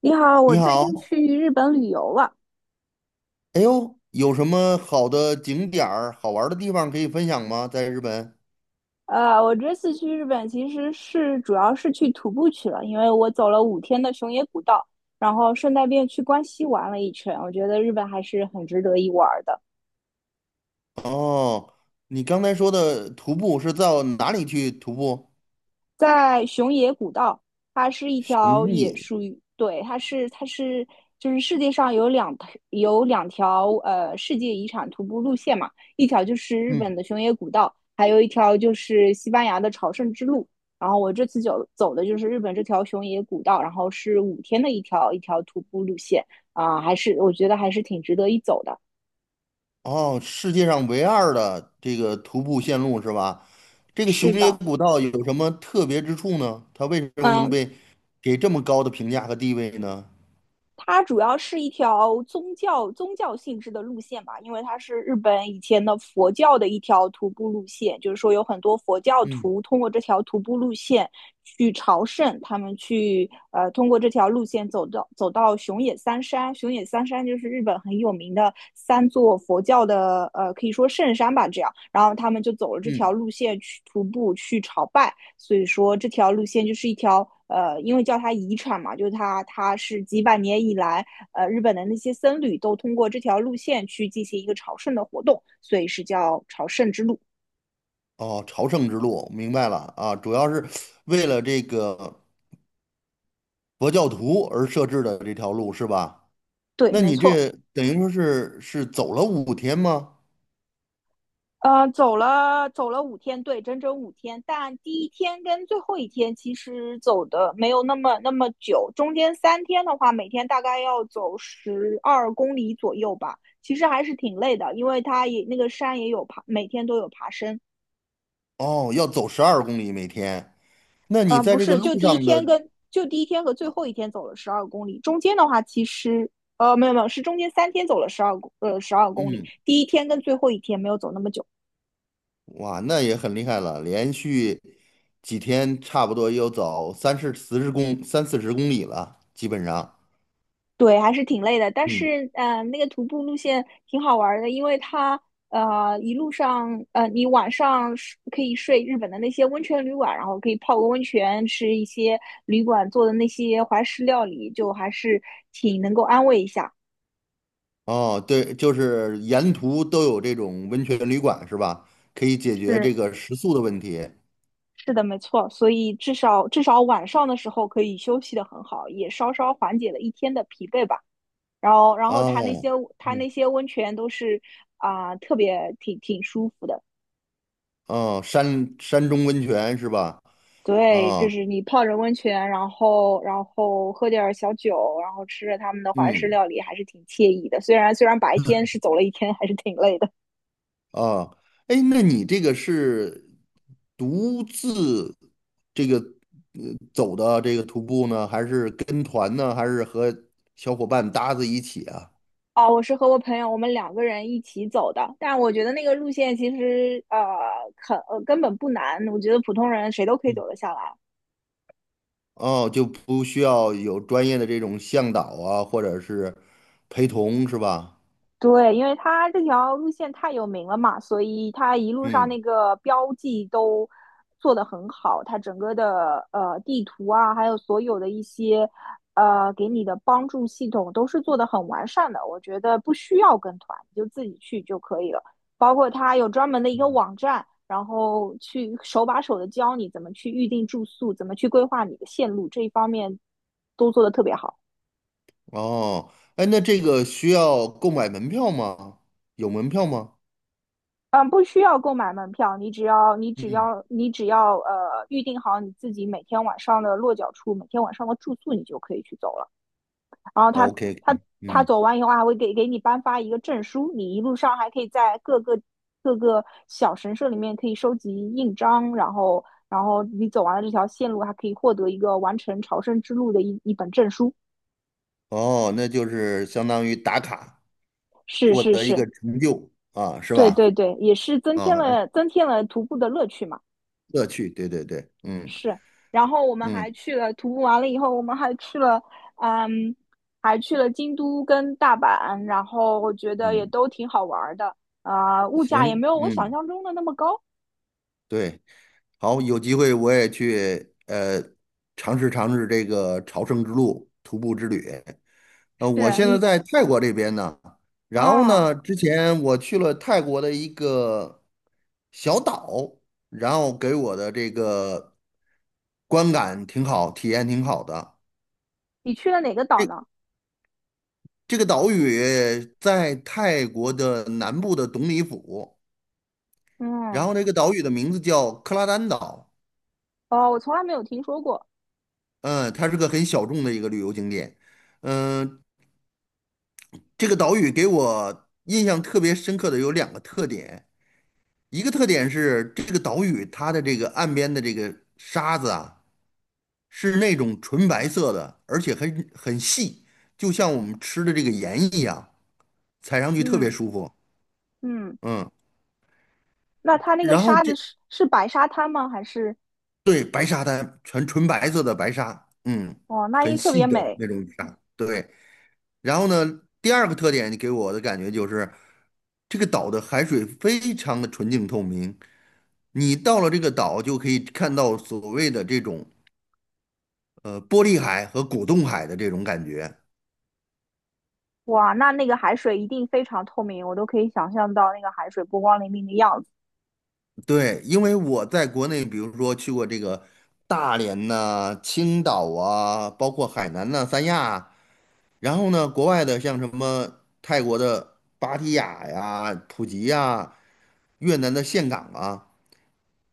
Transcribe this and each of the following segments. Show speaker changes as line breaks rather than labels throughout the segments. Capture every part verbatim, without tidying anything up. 你好，我
你
最
好，
近去日本旅游了。
哎呦，有什么好的景点儿、好玩儿的地方可以分享吗？在日本？
呃，我这次去日本其实是主要是去徒步去了，因为我走了五天的熊野古道，然后顺带便去关西玩了一圈。我觉得日本还是很值得一玩的。
哦，你刚才说的徒步是到哪里去徒步？
在熊野古道，它是一条
熊野，
也属于，对，它是它是就是世界上有两有两条呃世界遗产徒步路线嘛，一条就是日本
嗯，
的熊野古道，还有一条就是西班牙的朝圣之路。然后我这次走走的就是日本这条熊野古道，然后是五天的一条一条徒步路线啊，还是我觉得还是挺值得一走的。
哦，世界上唯二的这个徒步线路是吧？这个
是
熊野
的。
古道有什么特别之处呢？它为什么能
嗯，
被给这么高的评价和地位呢？
它主要是一条宗教宗教性质的路线吧，因为它是日本以前的佛教的一条徒步路线，就是说有很多佛教
嗯
徒通过这条徒步路线去朝圣，他们去呃通过这条路线走到走到熊野三山，熊野三山就是日本很有名的三座佛教的呃可以说圣山吧，这样，然后他们就走了这条
嗯，
路线去徒步去朝拜。所以说这条路线就是一条呃，因为叫它遗产嘛，就是它它是几百年以来，呃，日本的那些僧侣都通过这条路线去进行一个朝圣的活动，所以是叫朝圣之路。
哦，朝圣之路，明白了啊，主要是为了这个。佛教徒而设置的这条路是吧？
对，
那
没
你
错。
这等于说是是走了五天吗？
呃，走了走了五天，对，整整五天。但第一天跟最后一天其实走的没有那么那么久，中间三天的话，每天大概要走十二公里左右吧。其实还是挺累的，因为它也那个山也有爬，每天都有爬升。
哦，要走十二公里每天。那你
嗯，
在
不
这个
是，
路
就第一
上
天
的，
跟就第一天和最后一天走了十二公里，中间的话其实呃没有没有，是中间三天走了十二公呃十二公里，
嗯，
第一天跟最后一天没有走那么久，
哇，那也很厉害了，连续几天差不多要走三十四十公三四十公里了，基本上。
对，还是挺累的。但
嗯，
是嗯、呃那个徒步路线挺好玩儿的，因为它呃一路上呃你晚上是可以睡日本的那些温泉旅馆，然后可以泡个温泉，吃一些旅馆做的那些怀石料理，就还是挺能够安慰一下。
哦，对，就是沿途都有这种温泉旅馆是吧？可以解决
是。
这个食宿的问题。
是的，没错，所以至少至少晚上的时候可以休息的很好，也稍稍缓解了一天的疲惫吧。然后，然后它那些
哦，
它
嗯，
那些温泉都是啊、特别挺挺舒服的。
哦，山山中温泉是吧？
对，就
啊，
是你泡着温泉，然后然后喝点儿小酒，然后吃着他们的华式
嗯
料理，还是挺惬意的。虽然虽然白天是走了一天，还是挺累的。
啊，哎，那你这个是独自这个呃走的这个徒步呢，还是跟团呢，还是和小伙伴搭子一起啊？
哦，我是和我朋友，我们两个人一起走的。但我觉得那个路线其实呃，很呃根本不难，我觉得普通人谁都可以
嗯，
走得下来。
哦，就不需要有专业的这种向导啊，或者是陪同是吧？
对，因为它这条路线太有名了嘛，所以它一路上
嗯，
那个标记都做得很好，它整个的呃地图啊，还有所有的一些呃给你的帮助系统都是做得很完善的。我觉得不需要跟团，你就自己去就可以了。包括它有专门的一个
嗯
网站，然后去手把手的教你怎么去预定住宿，怎么去规划你的线路，这一方面都做得特别好。
哦，哎，那这个需要购买门票吗？有门票吗？
嗯，不需要购买门票，你只要你只
嗯
要你只要呃预定好你自己每天晚上的落脚处，每天晚上的住宿，你就可以去走了。然后他
，OK，
他他
嗯，
走完以后还会给给你颁发一个证书，你一路上还可以在各个各个小神社里面可以收集印章，然后然后你走完了这条线路，还可以获得一个完成朝圣之路的一一本证书。
哦，那就是相当于打卡。
是
获
是
得一
是，
个成就啊，是
对对
吧？
对，也是增
啊，
添
哎，
了增添了徒步的乐趣嘛。
乐趣，对对对，嗯
是，然后我们还
嗯
去了徒步完了以后，我们还去了，嗯，还去了京都跟大阪，然后我觉得也
嗯，
都挺好玩儿的，啊、物价也
行，
没有我想
嗯，
象中的那么高。
对，好，有机会我也去呃尝试尝试这个朝圣之路徒步之旅。呃，我
是
现在
你，
在泰国这边呢，然后
嗯，
呢，之前我去了泰国的一个小岛，然后给我的这个观感挺好，体验挺好的。
你去了哪个岛
这
呢？
这个岛屿在泰国的南部的董里府，然
嗯，
后那个岛屿的名字叫克拉丹岛，
哦，我从来没有听说过。
嗯，它是个很小众的一个旅游景点，嗯，这个岛屿给我印象特别深刻的有两个特点，一个特点是这个岛屿它的这个岸边的这个沙子啊，是那种纯白色的，而且很很细，就像我们吃的这个盐一样，踩上去特别
嗯
舒服，
嗯，
嗯。
那它那个
然后
沙子
这
是是白沙滩吗？还是
对，白沙滩，全纯白色的白沙，嗯，
哦，那一
很
定特
细
别
的
美。
那种沙。对，然后呢，第二个特点，你给我的感觉就是这个岛的海水非常的纯净透明，你到了这个岛就可以看到所谓的这种呃玻璃海和果冻海的这种感觉。
哇，那那个海水一定非常透明，我都可以想象到那个海水波光粼粼的样子。
对，因为我在国内，比如说去过这个大连呐、青岛啊，包括海南呐、三亚啊然后呢，国外的像什么泰国的芭提雅呀、普吉呀、越南的岘港啊，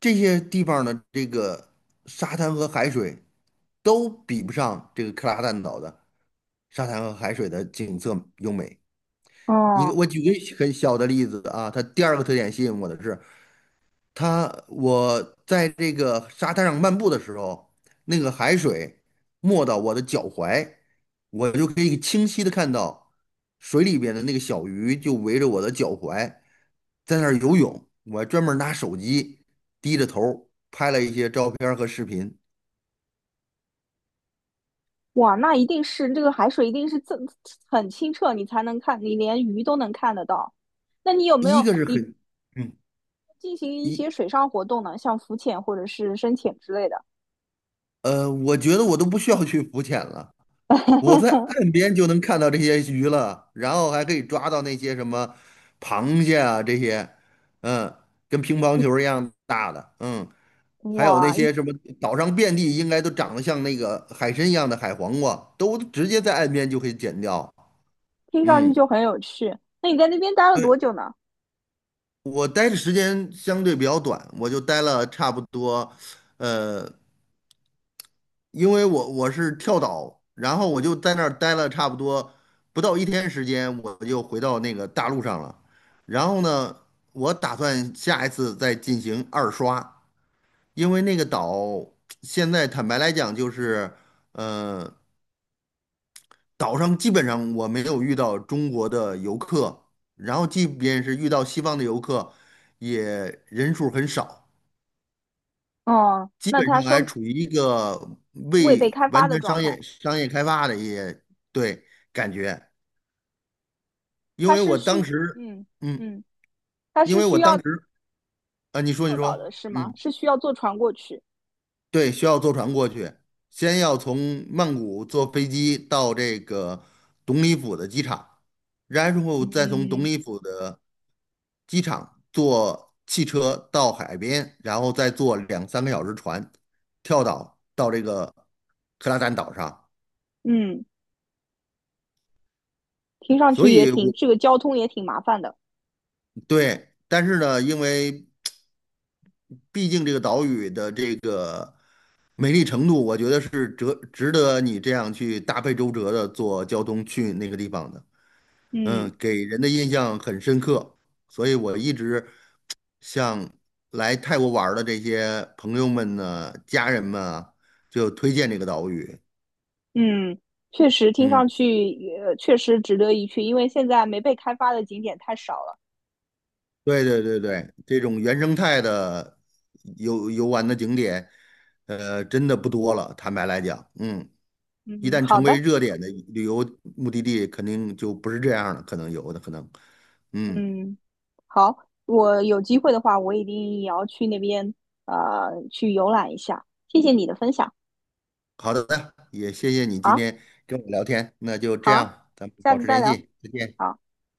这些地方的这个沙滩和海水都比不上这个克拉蛋岛的沙滩和海水的景色优美。你
嗯，
我举个很小的例子啊，它第二个特点吸引我的是，它我在这个沙滩上漫步的时候，那个海水没到我的脚踝，我就可以清晰的看到水里边的那个小鱼就围着我的脚踝在那儿游泳。我还专门拿手机低着头拍了一些照片儿和视频。
哇，那一定是这个海水一定是这很清澈，你才能看，你连鱼都能看得到。那你有没
一
有
个是
你
很，嗯，
进行一些
一
水上活动呢？像浮潜或者是深潜之类的？
呃，我觉得我都不需要去浮潜了。我在岸 边就能看到这些鱼了，然后还可以抓到那些什么螃蟹啊这些，嗯，跟乒乓
你
球一样大的，嗯，还有那
哇，一
些什么岛上遍地应该都长得像那个海参一样的海黄瓜，都直接在岸边就可以捡掉。
听上去
嗯，
就很有趣。那你在那边待了
对，
多久呢？
我待的时间相对比较短，我就待了差不多，呃，因为我我是跳岛，然后我就在那儿待了差不多不到一天时间，我就回到那个大陆上了。然后呢，我打算下一次再进行二刷，因为那个岛现在坦白来讲就是，呃，岛上基本上我没有遇到中国的游客，然后即便是遇到西方的游客，也人数很少。
哦，
基
那
本
他
上还
说
处于一个
未被
未
开发
完
的
全
状
商
态，
业商业开发的一些对感觉，因
它
为我
是
当
需
时，
嗯
嗯，
嗯，它
因
是
为
需
我当
要
时啊，你说你
坐岛的
说，
是吗？
嗯，
是需要坐船过去？
对，需要坐船过去，先要从曼谷坐飞机到这个董里府的机场，然后再从董
嗯
里府的机场坐汽车到海边，然后再坐两三个小时船，跳岛到这个克拉赞岛上。
嗯，听上
所
去也
以
挺，
我，
这个交通也挺麻烦的。
对，但是呢，因为毕竟这个岛屿的这个美丽程度，我觉得是值值得你这样去大费周折的坐交通去那个地方的。
嗯。
嗯，给人的印象很深刻，所以我一直向来泰国玩儿的这些朋友们呢、家人们啊，就推荐这个岛屿。
嗯，确实听上
嗯。
去也确实值得一去，因为现在没被开发的景点太少了。
对对对对，这种原生态的游游玩的景点，呃，真的不多了。坦白来讲，嗯，一
嗯，
旦
好
成为
的，
热点的旅游目的地，肯定就不是这样了，可能有的可能。嗯，
嗯，好，我有机会的话，我一定也要去那边呃去游览一下。谢谢你的分享，
好的，也谢谢你今
好，
天跟我聊天，那就这
好，
样，咱们
下
保
次
持
再
联
聊。
系，再见。
好。